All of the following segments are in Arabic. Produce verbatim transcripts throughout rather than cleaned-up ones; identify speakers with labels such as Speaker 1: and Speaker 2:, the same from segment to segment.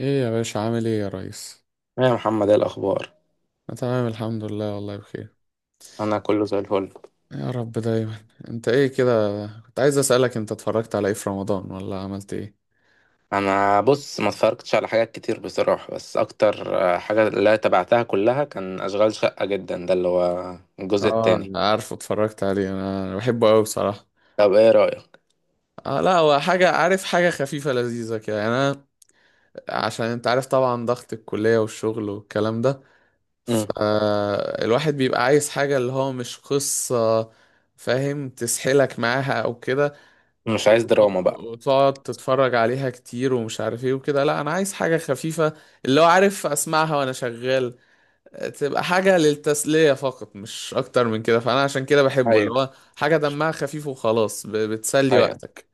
Speaker 1: ايه يا باشا، عامل ايه يا ريس؟
Speaker 2: إيه يا محمد، ايه الاخبار؟
Speaker 1: أنا تمام، الحمد لله، والله بخير.
Speaker 2: انا كله زي الفل.
Speaker 1: يا رب دايما. انت ايه كده؟ كنت عايز اسالك، انت اتفرجت على ايه في رمضان ولا عملت ايه؟
Speaker 2: انا بص، ما اتفرجتش على حاجات كتير بصراحه، بس اكتر آه، حاجه اللي تبعتها كلها كان اشغال شقه، جدا ده اللي هو الجزء
Speaker 1: اه،
Speaker 2: التاني.
Speaker 1: أنا عارفه، اتفرجت عليه. انا أنا بحبه قوي بصراحه.
Speaker 2: طب ايه رايك؟
Speaker 1: آه، لا، هو حاجه، عارف، حاجه خفيفه لذيذه كده يعني. انا عشان انت عارف طبعا، ضغط الكليه والشغل والكلام ده،
Speaker 2: مم.
Speaker 1: فالواحد بيبقى عايز حاجه اللي هو مش قصه، فاهم، تسحلك معاها او كده.
Speaker 2: مش عايز
Speaker 1: وت-
Speaker 2: دراما بقى.
Speaker 1: وتقعد تتفرج عليها كتير ومش عارف ايه وكده. لا، انا عايز حاجة خفيفة، اللي هو، عارف، اسمعها وانا شغال، تبقى حاجة للتسلية فقط، مش اكتر من كده. فانا عشان كده بحبه، اللي
Speaker 2: ايوه،
Speaker 1: هو حاجة دمها خفيف وخلاص، ب- بتسلي
Speaker 2: ايوه.
Speaker 1: وقتك،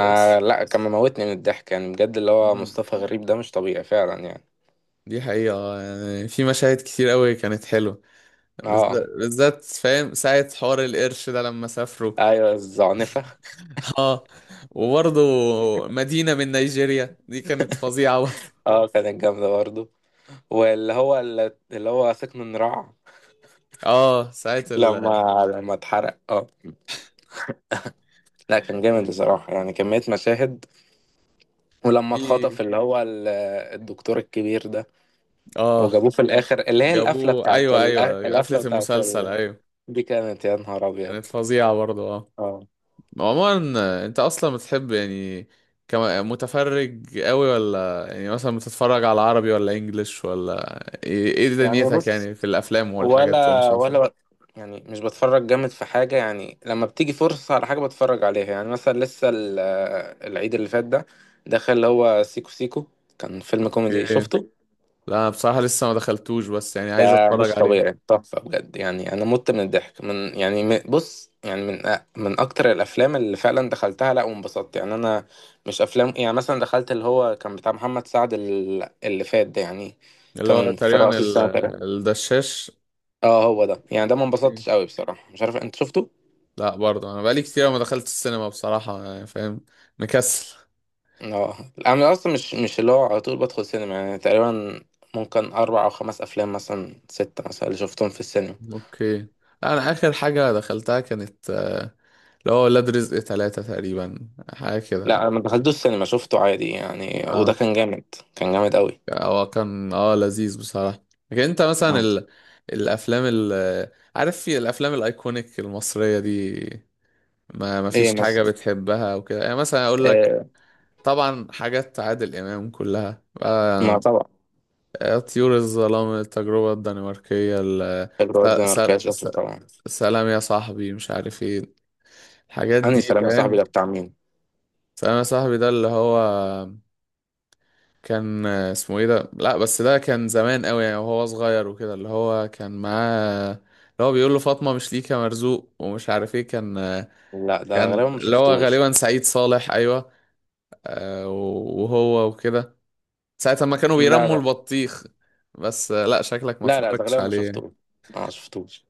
Speaker 1: بس.
Speaker 2: لا، كان مموتني من الضحك يعني، بجد اللي هو
Speaker 1: مم.
Speaker 2: مصطفى غريب ده مش طبيعي فعلا يعني.
Speaker 1: دي حقيقة. يعني في مشاهد كتير قوي كانت حلوة،
Speaker 2: اه،
Speaker 1: بالذات بالذات، فاهم، ساعة حوار القرش ده لما سافروا.
Speaker 2: ايوه الزعنفه.
Speaker 1: اه. وبرضه مدينة من نيجيريا دي كانت فظيعة برضه.
Speaker 2: اه كانت جامده برضه. واللي هو اللي هو سكن النراع،
Speaker 1: اه، ساعة ال.
Speaker 2: لما لما اتحرق. اه لا كان جامد بصراحة، يعني كمية مشاهد. ولما اتخطف
Speaker 1: في.
Speaker 2: اللي هو ال- الدكتور الكبير ده،
Speaker 1: اه.
Speaker 2: وجابوه في الآخر اللي هي القفلة
Speaker 1: جابوه،
Speaker 2: بتاعت
Speaker 1: ايوه،
Speaker 2: ال- آه،
Speaker 1: ايوه، قفلة
Speaker 2: القفلة بتاعت
Speaker 1: المسلسل،
Speaker 2: ال...
Speaker 1: ايوه.
Speaker 2: دي كانت يا نهار أبيض.
Speaker 1: كانت فظيعة برضه، اه.
Speaker 2: اه.
Speaker 1: عموما، آه، انت اصلا بتحب يعني، كم- متفرج قوي، ولا يعني مثلا بتتفرج على عربي ولا انجليش ولا ايه؟ إيه
Speaker 2: يعني
Speaker 1: دنيتك
Speaker 2: بص،
Speaker 1: يعني في الافلام والحاجات
Speaker 2: ولا
Speaker 1: والمسلسل؟
Speaker 2: ولا يعني مش بتفرج جامد في حاجة، يعني لما بتيجي فرصة على حاجة بتفرج عليها. يعني مثلا لسه ال- آه، العيد اللي فات ده دخل اللي هو سيكو سيكو، كان فيلم كوميدي،
Speaker 1: اوكي.
Speaker 2: شفته؟
Speaker 1: لا، أنا بصراحة لسه ما دخلتوش، بس يعني عايز
Speaker 2: ده
Speaker 1: اتفرج
Speaker 2: مش
Speaker 1: عليه.
Speaker 2: طبيعي، تحفة بجد يعني. أنا مت من الضحك من يعني م- بص يعني من أ- من أكتر الأفلام اللي فعلا دخلتها لأ وانبسطت يعني. أنا مش أفلام يعني، مثلا دخلت اللي هو كان بتاع محمد سعد ال- اللي فات ده يعني،
Speaker 1: اللي هو
Speaker 2: كان في
Speaker 1: تقريبا
Speaker 2: رأس
Speaker 1: ال-
Speaker 2: السنة تقريبا.
Speaker 1: الدشاش.
Speaker 2: اه هو ده، يعني ده ما
Speaker 1: أوكي.
Speaker 2: انبسطتش قوي بصراحة، مش عارف أنت شفته؟
Speaker 1: لا برضه، انا بقالي كتير ما دخلت السينما بصراحة، يعني فاهم، مكسل.
Speaker 2: اه. أنا أصلا مش مش اللي هو على طول بدخل سينما، يعني تقريبا ممكن أربع أو خمس أفلام، مثلا ستة مثلا اللي شفتهم في السينما.
Speaker 1: اوكي. انا اخر حاجة دخلتها كانت آه، اللي هو ولاد رزق ثلاثة تقريبا، حاجة كده.
Speaker 2: لا أنا ما دخلتوش السينما، شفته عادي يعني، وده
Speaker 1: اه،
Speaker 2: كان جامد. كان جامد قوي.
Speaker 1: هو كان اه لذيذ بصراحة. لكن انت مثلا
Speaker 2: آه.
Speaker 1: ال، الافلام ال، عارف، في الافلام الايكونيك المصرية دي ما ما
Speaker 2: إيه
Speaker 1: فيش حاجة
Speaker 2: مثلا؟
Speaker 1: بتحبها وكده؟ يعني مثلا اقول لك،
Speaker 2: آه.
Speaker 1: طبعا حاجات عادل امام كلها،
Speaker 2: ما
Speaker 1: آه،
Speaker 2: طبعا.
Speaker 1: آه، طيور الظلام، التجربة الدنماركية، ال... س...
Speaker 2: الواد ده ما
Speaker 1: س...
Speaker 2: ركبش
Speaker 1: س...
Speaker 2: أصله طبعا.
Speaker 1: سلام يا صاحبي، مش عارف ايه، الحاجات
Speaker 2: أنهي
Speaker 1: دي،
Speaker 2: سلام يا صاحبي
Speaker 1: فاهم.
Speaker 2: ده بتاع مين؟
Speaker 1: سلام يا صاحبي ده اللي هو، كان اسمه ايه ده؟ لا، بس ده كان زمان قوي يعني، وهو صغير وكده، اللي هو كان معاه، اللي هو بيقول له فاطمة مش ليك يا مرزوق، ومش عارف ايه كان.
Speaker 2: لا ده
Speaker 1: كان
Speaker 2: غالبا ما
Speaker 1: اللي هو
Speaker 2: شفتوش.
Speaker 1: غالبا سعيد صالح، ايوه. آه، وهو وكده، ساعة ما كانوا
Speaker 2: لا
Speaker 1: بيرموا
Speaker 2: لا.
Speaker 1: البطيخ. بس آه، لا، شكلك ما
Speaker 2: لا لا، ده
Speaker 1: اتفرجتش
Speaker 2: غالبا ما
Speaker 1: عليه يعني.
Speaker 2: شفتوش. اه ما شفتوش.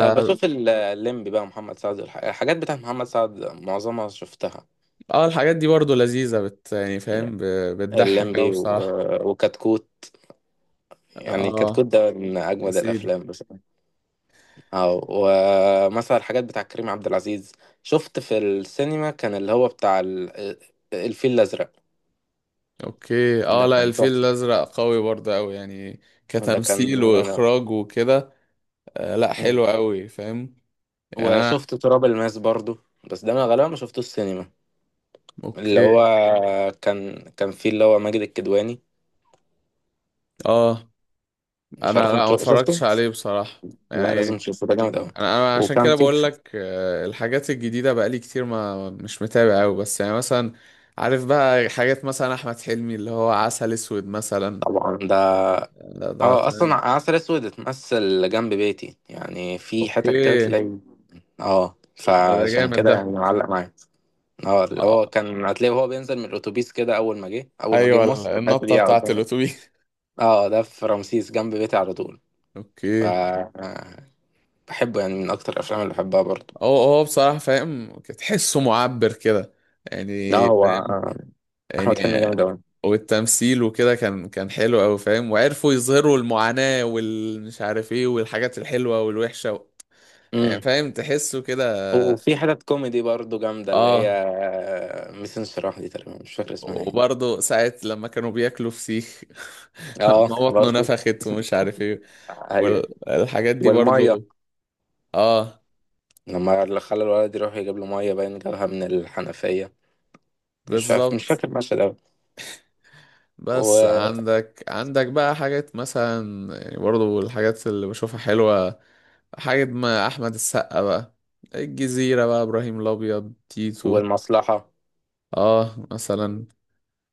Speaker 2: آه، بشوف ال- الليمبي بقى محمد سعد والح- الحاجات بتاعت محمد سعد، معظمها شفتها.
Speaker 1: آه، الحاجات دي برضو لذيذة، بت يعني فاهم، ب- بتضحك قوي
Speaker 2: الليمبي و-
Speaker 1: بصراحة.
Speaker 2: وكتكوت، يعني
Speaker 1: اه،
Speaker 2: كتكوت ده من
Speaker 1: يا
Speaker 2: أجمد
Speaker 1: سيدي.
Speaker 2: الأفلام بصراحة. اه. ومثلا الحاجات بتاع كريم عبد العزيز، شفت في السينما كان اللي هو بتاع ال- الفيل الأزرق.
Speaker 1: اوكي، اه،
Speaker 2: ده
Speaker 1: لا،
Speaker 2: كان
Speaker 1: الفيل
Speaker 2: تحفة.
Speaker 1: الازرق قوي برضه، قوي يعني
Speaker 2: ده كان
Speaker 1: كتمثيل
Speaker 2: جامد أوي.
Speaker 1: واخراج وكده. آه، لا،
Speaker 2: مم.
Speaker 1: حلو قوي فاهم. يعني انا،
Speaker 2: وشفت تراب الماس برضو، بس ده انا غالبا ما شفتوش السينما. اللي
Speaker 1: اوكي،
Speaker 2: هو كان كان فيه اللي هو ماجد الكدواني،
Speaker 1: اه،
Speaker 2: مش
Speaker 1: انا
Speaker 2: عارف
Speaker 1: لا،
Speaker 2: انت
Speaker 1: ما
Speaker 2: شو-
Speaker 1: اتفرجتش
Speaker 2: شفته.
Speaker 1: عليه بصراحة
Speaker 2: لا
Speaker 1: يعني.
Speaker 2: لازم تشوفه، ده جامد قوي.
Speaker 1: انا انا عشان
Speaker 2: وكان
Speaker 1: كده
Speaker 2: فيه.
Speaker 1: بقول لك، آه الحاجات الجديدة بقالي كتير ما مش متابع قوي، بس يعني مثلا، عارف بقى، حاجات مثلا احمد حلمي اللي هو عسل اسود مثلا،
Speaker 2: طبعا ده.
Speaker 1: ده ده
Speaker 2: اه
Speaker 1: فاهم.
Speaker 2: اصلا عسل اسود اتمثل جنب بيتي، يعني في حتت كده
Speaker 1: اوكي،
Speaker 2: تلاقي. اه،
Speaker 1: ده ده
Speaker 2: فعشان
Speaker 1: جامد
Speaker 2: كده
Speaker 1: ده.
Speaker 2: يعني معلق معايا. اه اللي
Speaker 1: آه،
Speaker 2: هو كان هتلاقيه وهو بينزل من الاتوبيس كده، اول ما جه اول ما جه مصر،
Speaker 1: ايوه،
Speaker 2: الحته
Speaker 1: النطة
Speaker 2: دي
Speaker 1: بتاعت
Speaker 2: قدامي.
Speaker 1: الاتوبيس.
Speaker 2: اه ده في رمسيس جنب بيتي على طول. ف
Speaker 1: اوكي.
Speaker 2: آه، بحبه، يعني من اكتر الافلام اللي بحبها برضه.
Speaker 1: هو هو بصراحة، فاهم، تحسه معبر كده،
Speaker 2: لا
Speaker 1: يعني
Speaker 2: هو
Speaker 1: فاهم،
Speaker 2: آه،
Speaker 1: يعني
Speaker 2: احمد حلمي جامد اوي.
Speaker 1: والتمثيل وكده كان كان حلو أوي، فاهم، وعرفوا يظهروا المعاناة والمش عارف ايه، والحاجات الحلوة والوحشة، و... يعني
Speaker 2: امم.
Speaker 1: فاهم، تحسه كده.
Speaker 2: وفي حتت كوميدي برضه جامده اللي هي
Speaker 1: اه،
Speaker 2: آه، ميس انشراح دي، تقريبا مش فاكر اسمها ايه.
Speaker 1: وبرضه ساعة لما كانوا بياكلوا فسيخ،
Speaker 2: اه
Speaker 1: ما بطنه
Speaker 2: برضه.
Speaker 1: نفخت ومش عارف ايه
Speaker 2: ايوه.
Speaker 1: والحاجات دي
Speaker 2: والميه
Speaker 1: برضه. اه،
Speaker 2: لما اللي خلى الولد يروح يجيب له ميه، باين جابها من الحنفيه. مش فاكر مش
Speaker 1: بالظبط.
Speaker 2: فاكر المشهد اوي.
Speaker 1: بس
Speaker 2: و...
Speaker 1: عندك عندك بقى حاجات مثلا، يعني برضو الحاجات اللي بشوفها حلوة، حاجة ما أحمد السقا بقى، الجزيرة بقى، إبراهيم الأبيض، تيتو.
Speaker 2: والمصلحه.
Speaker 1: اه مثلا،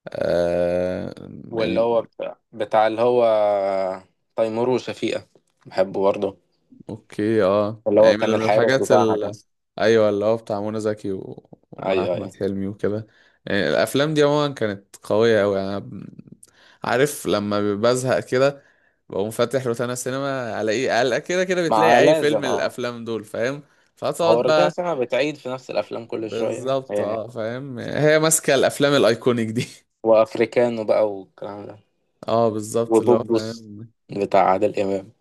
Speaker 1: آه،
Speaker 2: واللي
Speaker 1: يعني.
Speaker 2: هو بتاع, بتاع اللي هو آه، تيمور وشفيقه، بحبه برضه.
Speaker 1: اوكي، اه،
Speaker 2: اللي هو
Speaker 1: يعني من
Speaker 2: كان
Speaker 1: من
Speaker 2: الحارس
Speaker 1: الحاجات
Speaker 2: بتاعها ده.
Speaker 1: ال، ايوه اللي هو بتاع منى زكي، و... ومع
Speaker 2: ايوه،
Speaker 1: احمد
Speaker 2: ايوه.
Speaker 1: حلمي وكده، يعني الافلام دي عموما كانت قويه قوي. انا ب- عارف، لما بزهق كده بقوم فاتح روتانا سينما، الاقي قلق كده كده
Speaker 2: مع
Speaker 1: بتلاقي اي فيلم
Speaker 2: لازم
Speaker 1: من
Speaker 2: اه.
Speaker 1: الافلام دول، فاهم،
Speaker 2: هو
Speaker 1: فتقعد
Speaker 2: الروتانا
Speaker 1: بقى.
Speaker 2: ساعة بتعيد في نفس الأفلام كل شوية
Speaker 1: بالظبط،
Speaker 2: يعني.
Speaker 1: اه، فاهم، هي ماسكه الافلام الايكونيك دي.
Speaker 2: وأفريكانو بقى والكلام ده،
Speaker 1: اه، بالظبط، اللي هو،
Speaker 2: وبوبوس
Speaker 1: فاهم.
Speaker 2: بتاع عادل إمام.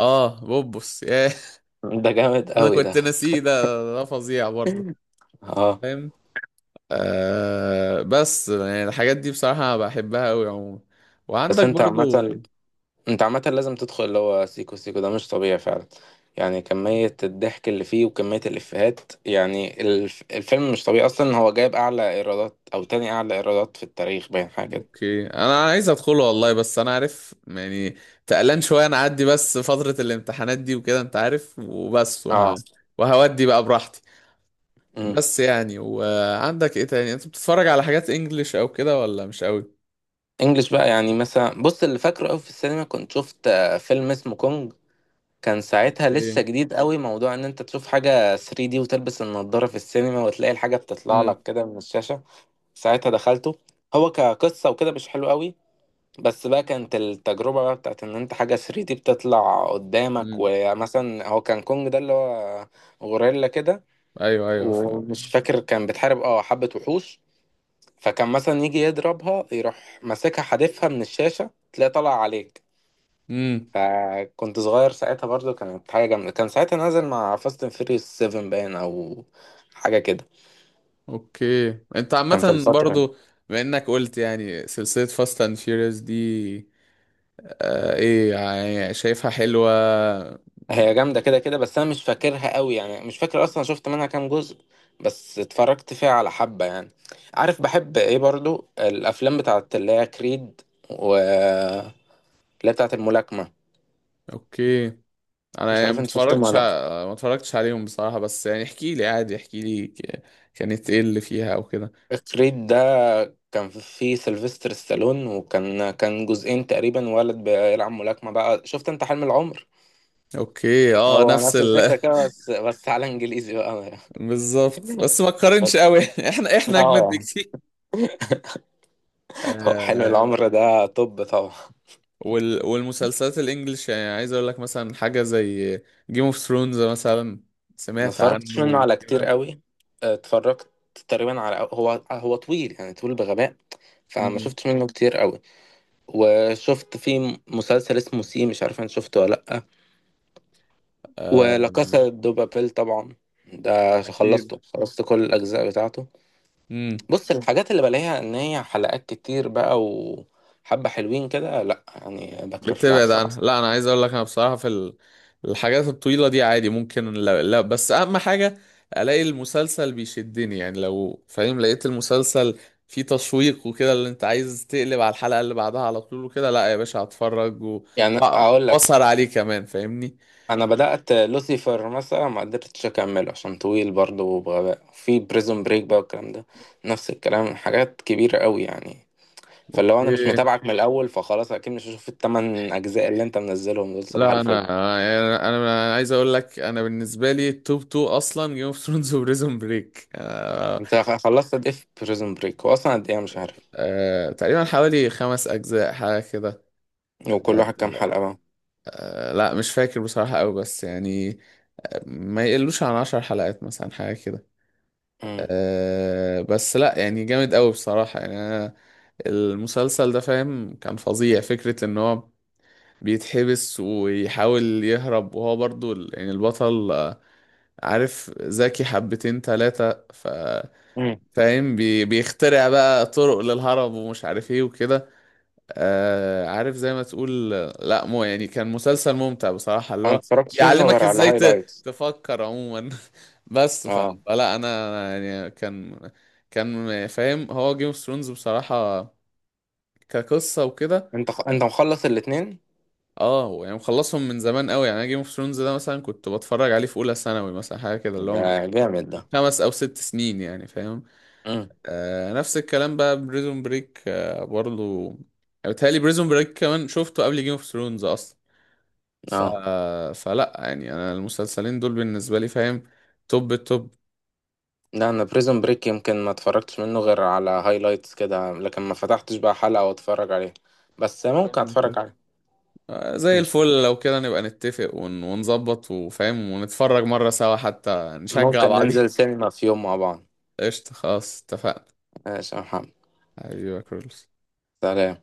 Speaker 1: اه، بوبس، ياه.
Speaker 2: ده جامد
Speaker 1: انا
Speaker 2: قوي ده.
Speaker 1: كنت ناسيه ده، ده فظيع برضه،
Speaker 2: اه.
Speaker 1: فاهم. آه بس يعني الحاجات دي بصراحة بحبها أوي عموما،
Speaker 2: بس
Speaker 1: وعندك
Speaker 2: انت
Speaker 1: برضو.
Speaker 2: عامة، انت عامة لازم تدخل اللي هو سيكو سيكو، ده مش طبيعي فعلا. يعني كمية الضحك اللي فيه وكمية الإفيهات، يعني الف... الفيلم مش طبيعي أصلا، هو جايب أعلى إيرادات أو تاني أعلى إيرادات في التاريخ باين، حاجة كده.
Speaker 1: اوكي، انا عايز ادخله والله، بس انا عارف يعني، تقلان شوية. انا اعدي بس فترة الامتحانات دي وكده انت عارف، وبس
Speaker 2: اه.
Speaker 1: وه... وهودي بقى براحتي.
Speaker 2: امم.
Speaker 1: بس يعني، وعندك ايه تاني؟ انت بتتفرج على حاجات انجليش او كده، ولا مش قوي؟
Speaker 2: انجلش بقى، يعني مثلا بص اللي فاكره قوي في السينما كنت شفت آه، فيلم اسمه كونج. كان ساعتها لسه
Speaker 1: اوكي.
Speaker 2: جديد قوي، موضوع ان انت تشوف حاجة ثري دي وتلبس النضارة في السينما وتلاقي الحاجة بتطلع لك
Speaker 1: امم.
Speaker 2: كده من الشاشة. ساعتها دخلته. هو كقصة وكده مش حلو قوي، بس بقى كانت التجربة بقى بتاعت ان انت حاجة ثري دي بتطلع قدامك.
Speaker 1: امم.
Speaker 2: ومثلا هو كان كونج ده اللي هو غوريلا كده،
Speaker 1: ايوه، ايوه، فاهم.
Speaker 2: ومش فاكر كان بتحارب اه حبة وحوش. فكان مثلا يجي يضربها، يروح ماسكها حادفها من الشاشة، تلاقي طلع عليك.
Speaker 1: امم.
Speaker 2: فكنت صغير ساعتها برضو، كانت حاجة جامدة. كان ساعتها نازل مع فاست اند فيريوس سفن باين، أو حاجة كده.
Speaker 1: اوكي. انت
Speaker 2: كان في
Speaker 1: عامة
Speaker 2: الفترة.
Speaker 1: برضو، بما انك قلت يعني سلسلة فاست اند فيوريوس دي، آه ايه يعني، شايفها حلوة؟
Speaker 2: هي جامدة كده كده بس، أنا مش فاكرها قوي يعني، مش فاكر أصلا شفت منها كام جزء، بس اتفرجت فيها على حبة يعني. عارف بحب إيه برضو؟ الأفلام بتاعت اللي هي كريد و اللي هي بتاعت الملاكمة،
Speaker 1: اوكي، انا
Speaker 2: مش
Speaker 1: يعني
Speaker 2: عارف
Speaker 1: ما
Speaker 2: انت شفتهم
Speaker 1: اتفرجتش
Speaker 2: ولا
Speaker 1: ع- ما اتفرجتش عليهم بصراحة، بس يعني احكي لي عادي، احكي لي ك- كانت ايه اللي فيها او كده.
Speaker 2: لأ. كريد ده كان فيه سيلفستر ستالون، وكان كان جزئين تقريبا، ولد بيلعب ملاكمة بقى، شفت انت حلم العمر؟
Speaker 1: اوكي، اه،
Speaker 2: هو
Speaker 1: نفس
Speaker 2: نفس
Speaker 1: ال.
Speaker 2: الفكرة كده، بس بس على انجليزي بقى.
Speaker 1: بالظبط، بس ما تقارنش قوي. احنا احنا
Speaker 2: اه
Speaker 1: اجمد
Speaker 2: يعني.
Speaker 1: بكتير.
Speaker 2: هو حلم
Speaker 1: آه.
Speaker 2: العمر ده طب طبعا.
Speaker 1: وال... والمسلسلات الانجليش، يعني عايز اقول لك مثلا حاجة زي جيم اوف ثرونز مثلا،
Speaker 2: ما
Speaker 1: سمعت
Speaker 2: اتفرجتش منه
Speaker 1: عنه
Speaker 2: على كتير
Speaker 1: كده؟
Speaker 2: قوي. اتفرجت تقريبا على هو هو طويل يعني، طويل بغباء، فما
Speaker 1: امم.
Speaker 2: شفتش منه كتير قوي. وشفت في مسلسل اسمه سي، مش عارف انت شفته ولا لأ. ولا
Speaker 1: آه،
Speaker 2: كاسا دو بابيل طبعا، ده
Speaker 1: اكيد.
Speaker 2: خلصته، خلصت كل الأجزاء بتاعته.
Speaker 1: امم.
Speaker 2: بص الحاجات اللي بلاقيها إن هي حلقات كتير بقى وحبة حلوين كده، لأ يعني بكرف لها
Speaker 1: بتبعد
Speaker 2: بصراحة.
Speaker 1: عنها. لا، انا عايز اقول لك، انا بصراحه في ال- الحاجات الطويله دي عادي ممكن. لا، لا، بس اهم حاجه الاقي المسلسل بيشدني، يعني لو فاهم لقيت المسلسل فيه تشويق وكده، اللي انت عايز تقلب على الحلقه اللي بعدها على طول وكده، لا يا باشا، هتفرج و-
Speaker 2: يعني
Speaker 1: وأ-
Speaker 2: اقول لك
Speaker 1: واسهر عليه كمان فاهمني.
Speaker 2: انا بدات لوسيفر مثلا، ما قدرتش اكمله عشان طويل برضه وبغباء. في بريزون بريك بقى والكلام ده، نفس الكلام حاجات كبيره قوي يعني. فلو انا مش
Speaker 1: اوكي،
Speaker 2: متابعك من الاول، فخلاص اكيد مش هشوف الثمان اجزاء اللي انت منزلهم دول صباح
Speaker 1: لا، انا
Speaker 2: الفل.
Speaker 1: انا أنا عايز اقول لك، انا بالنسبه لي التوب اتنين اصلا جيم اوف ثرونز وبريزون بريك، أه.
Speaker 2: انت خ- خلصت قد ايه في بريزون بريك؟ واصلا قد ايه أنا مش عارف.
Speaker 1: أه، تقريبا حوالي خمس اجزاء، حاجه كده.
Speaker 2: وكل واحد كام حلقه بقى؟
Speaker 1: آه، لا مش فاكر بصراحة أوي، بس يعني ما يقلوش عن عشر حلقات مثلا، حاجة كده.
Speaker 2: امم.
Speaker 1: أه، بس لا، يعني جامد أوي بصراحة. يعني أنا المسلسل ده، فاهم، كان فظيع. فكرة إن هو بيتحبس ويحاول يهرب، وهو برضو ال- يعني البطل، آه، عارف، ذكي حبتين تلاتة، ف
Speaker 2: امم.
Speaker 1: فاهم، بي بيخترع بقى طرق للهرب ومش عارف ايه وكده. آه، عارف، زي ما تقول. لا مو، يعني كان مسلسل ممتع بصراحة، اللي
Speaker 2: انا
Speaker 1: هو
Speaker 2: متفرجتش منه
Speaker 1: بيعلمك
Speaker 2: غير على
Speaker 1: ازاي ت،
Speaker 2: هايلايتس.
Speaker 1: تفكر عموما. بس ف،
Speaker 2: اه.
Speaker 1: فلا انا، أنا يعني كان كان فاهم، هو جيم اوف ثرونز بصراحة كقصة وكده.
Speaker 2: انت خ... انت مخلص الاثنين؟
Speaker 1: اه، يعني مخلصهم من زمان قوي. يعني انا جيم اوف ثرونز ده مثلا كنت بتفرج عليه في اولى ثانوي، مثلا حاجة كده، اللي هو
Speaker 2: ده
Speaker 1: من
Speaker 2: جامد ده.
Speaker 1: خمس او ست سنين، يعني فاهم.
Speaker 2: امم.
Speaker 1: آه، نفس الكلام بقى بريزون بريك، آه برضو يعني، بيتهيألي بريزون بريك كمان شفته قبل جيم اوف ثرونز اصلا. ف،
Speaker 2: اه.
Speaker 1: فلا يعني، انا المسلسلين دول بالنسبه لي، فاهم، توب التوب.
Speaker 2: لا انا بريزون بريك يمكن ما اتفرجتش منه غير على هايلايتس كده، لكن ما فتحتش بقى حلقة واتفرج عليه، بس ممكن
Speaker 1: فاهم
Speaker 2: اتفرج
Speaker 1: إزاي؟
Speaker 2: عليه.
Speaker 1: آه، زي
Speaker 2: ماشي.
Speaker 1: الفل، لو كده نبقى نتفق ون... ونظبط، وفاهم، ونتفرج مره سوا حتى نشجع
Speaker 2: ممكن
Speaker 1: بعضينا.
Speaker 2: ننزل سينما في يوم مع بعض.
Speaker 1: قشطه، خلاص اتفقنا.
Speaker 2: ماشي يا محمد.
Speaker 1: ايوه، كرولس.
Speaker 2: سلام.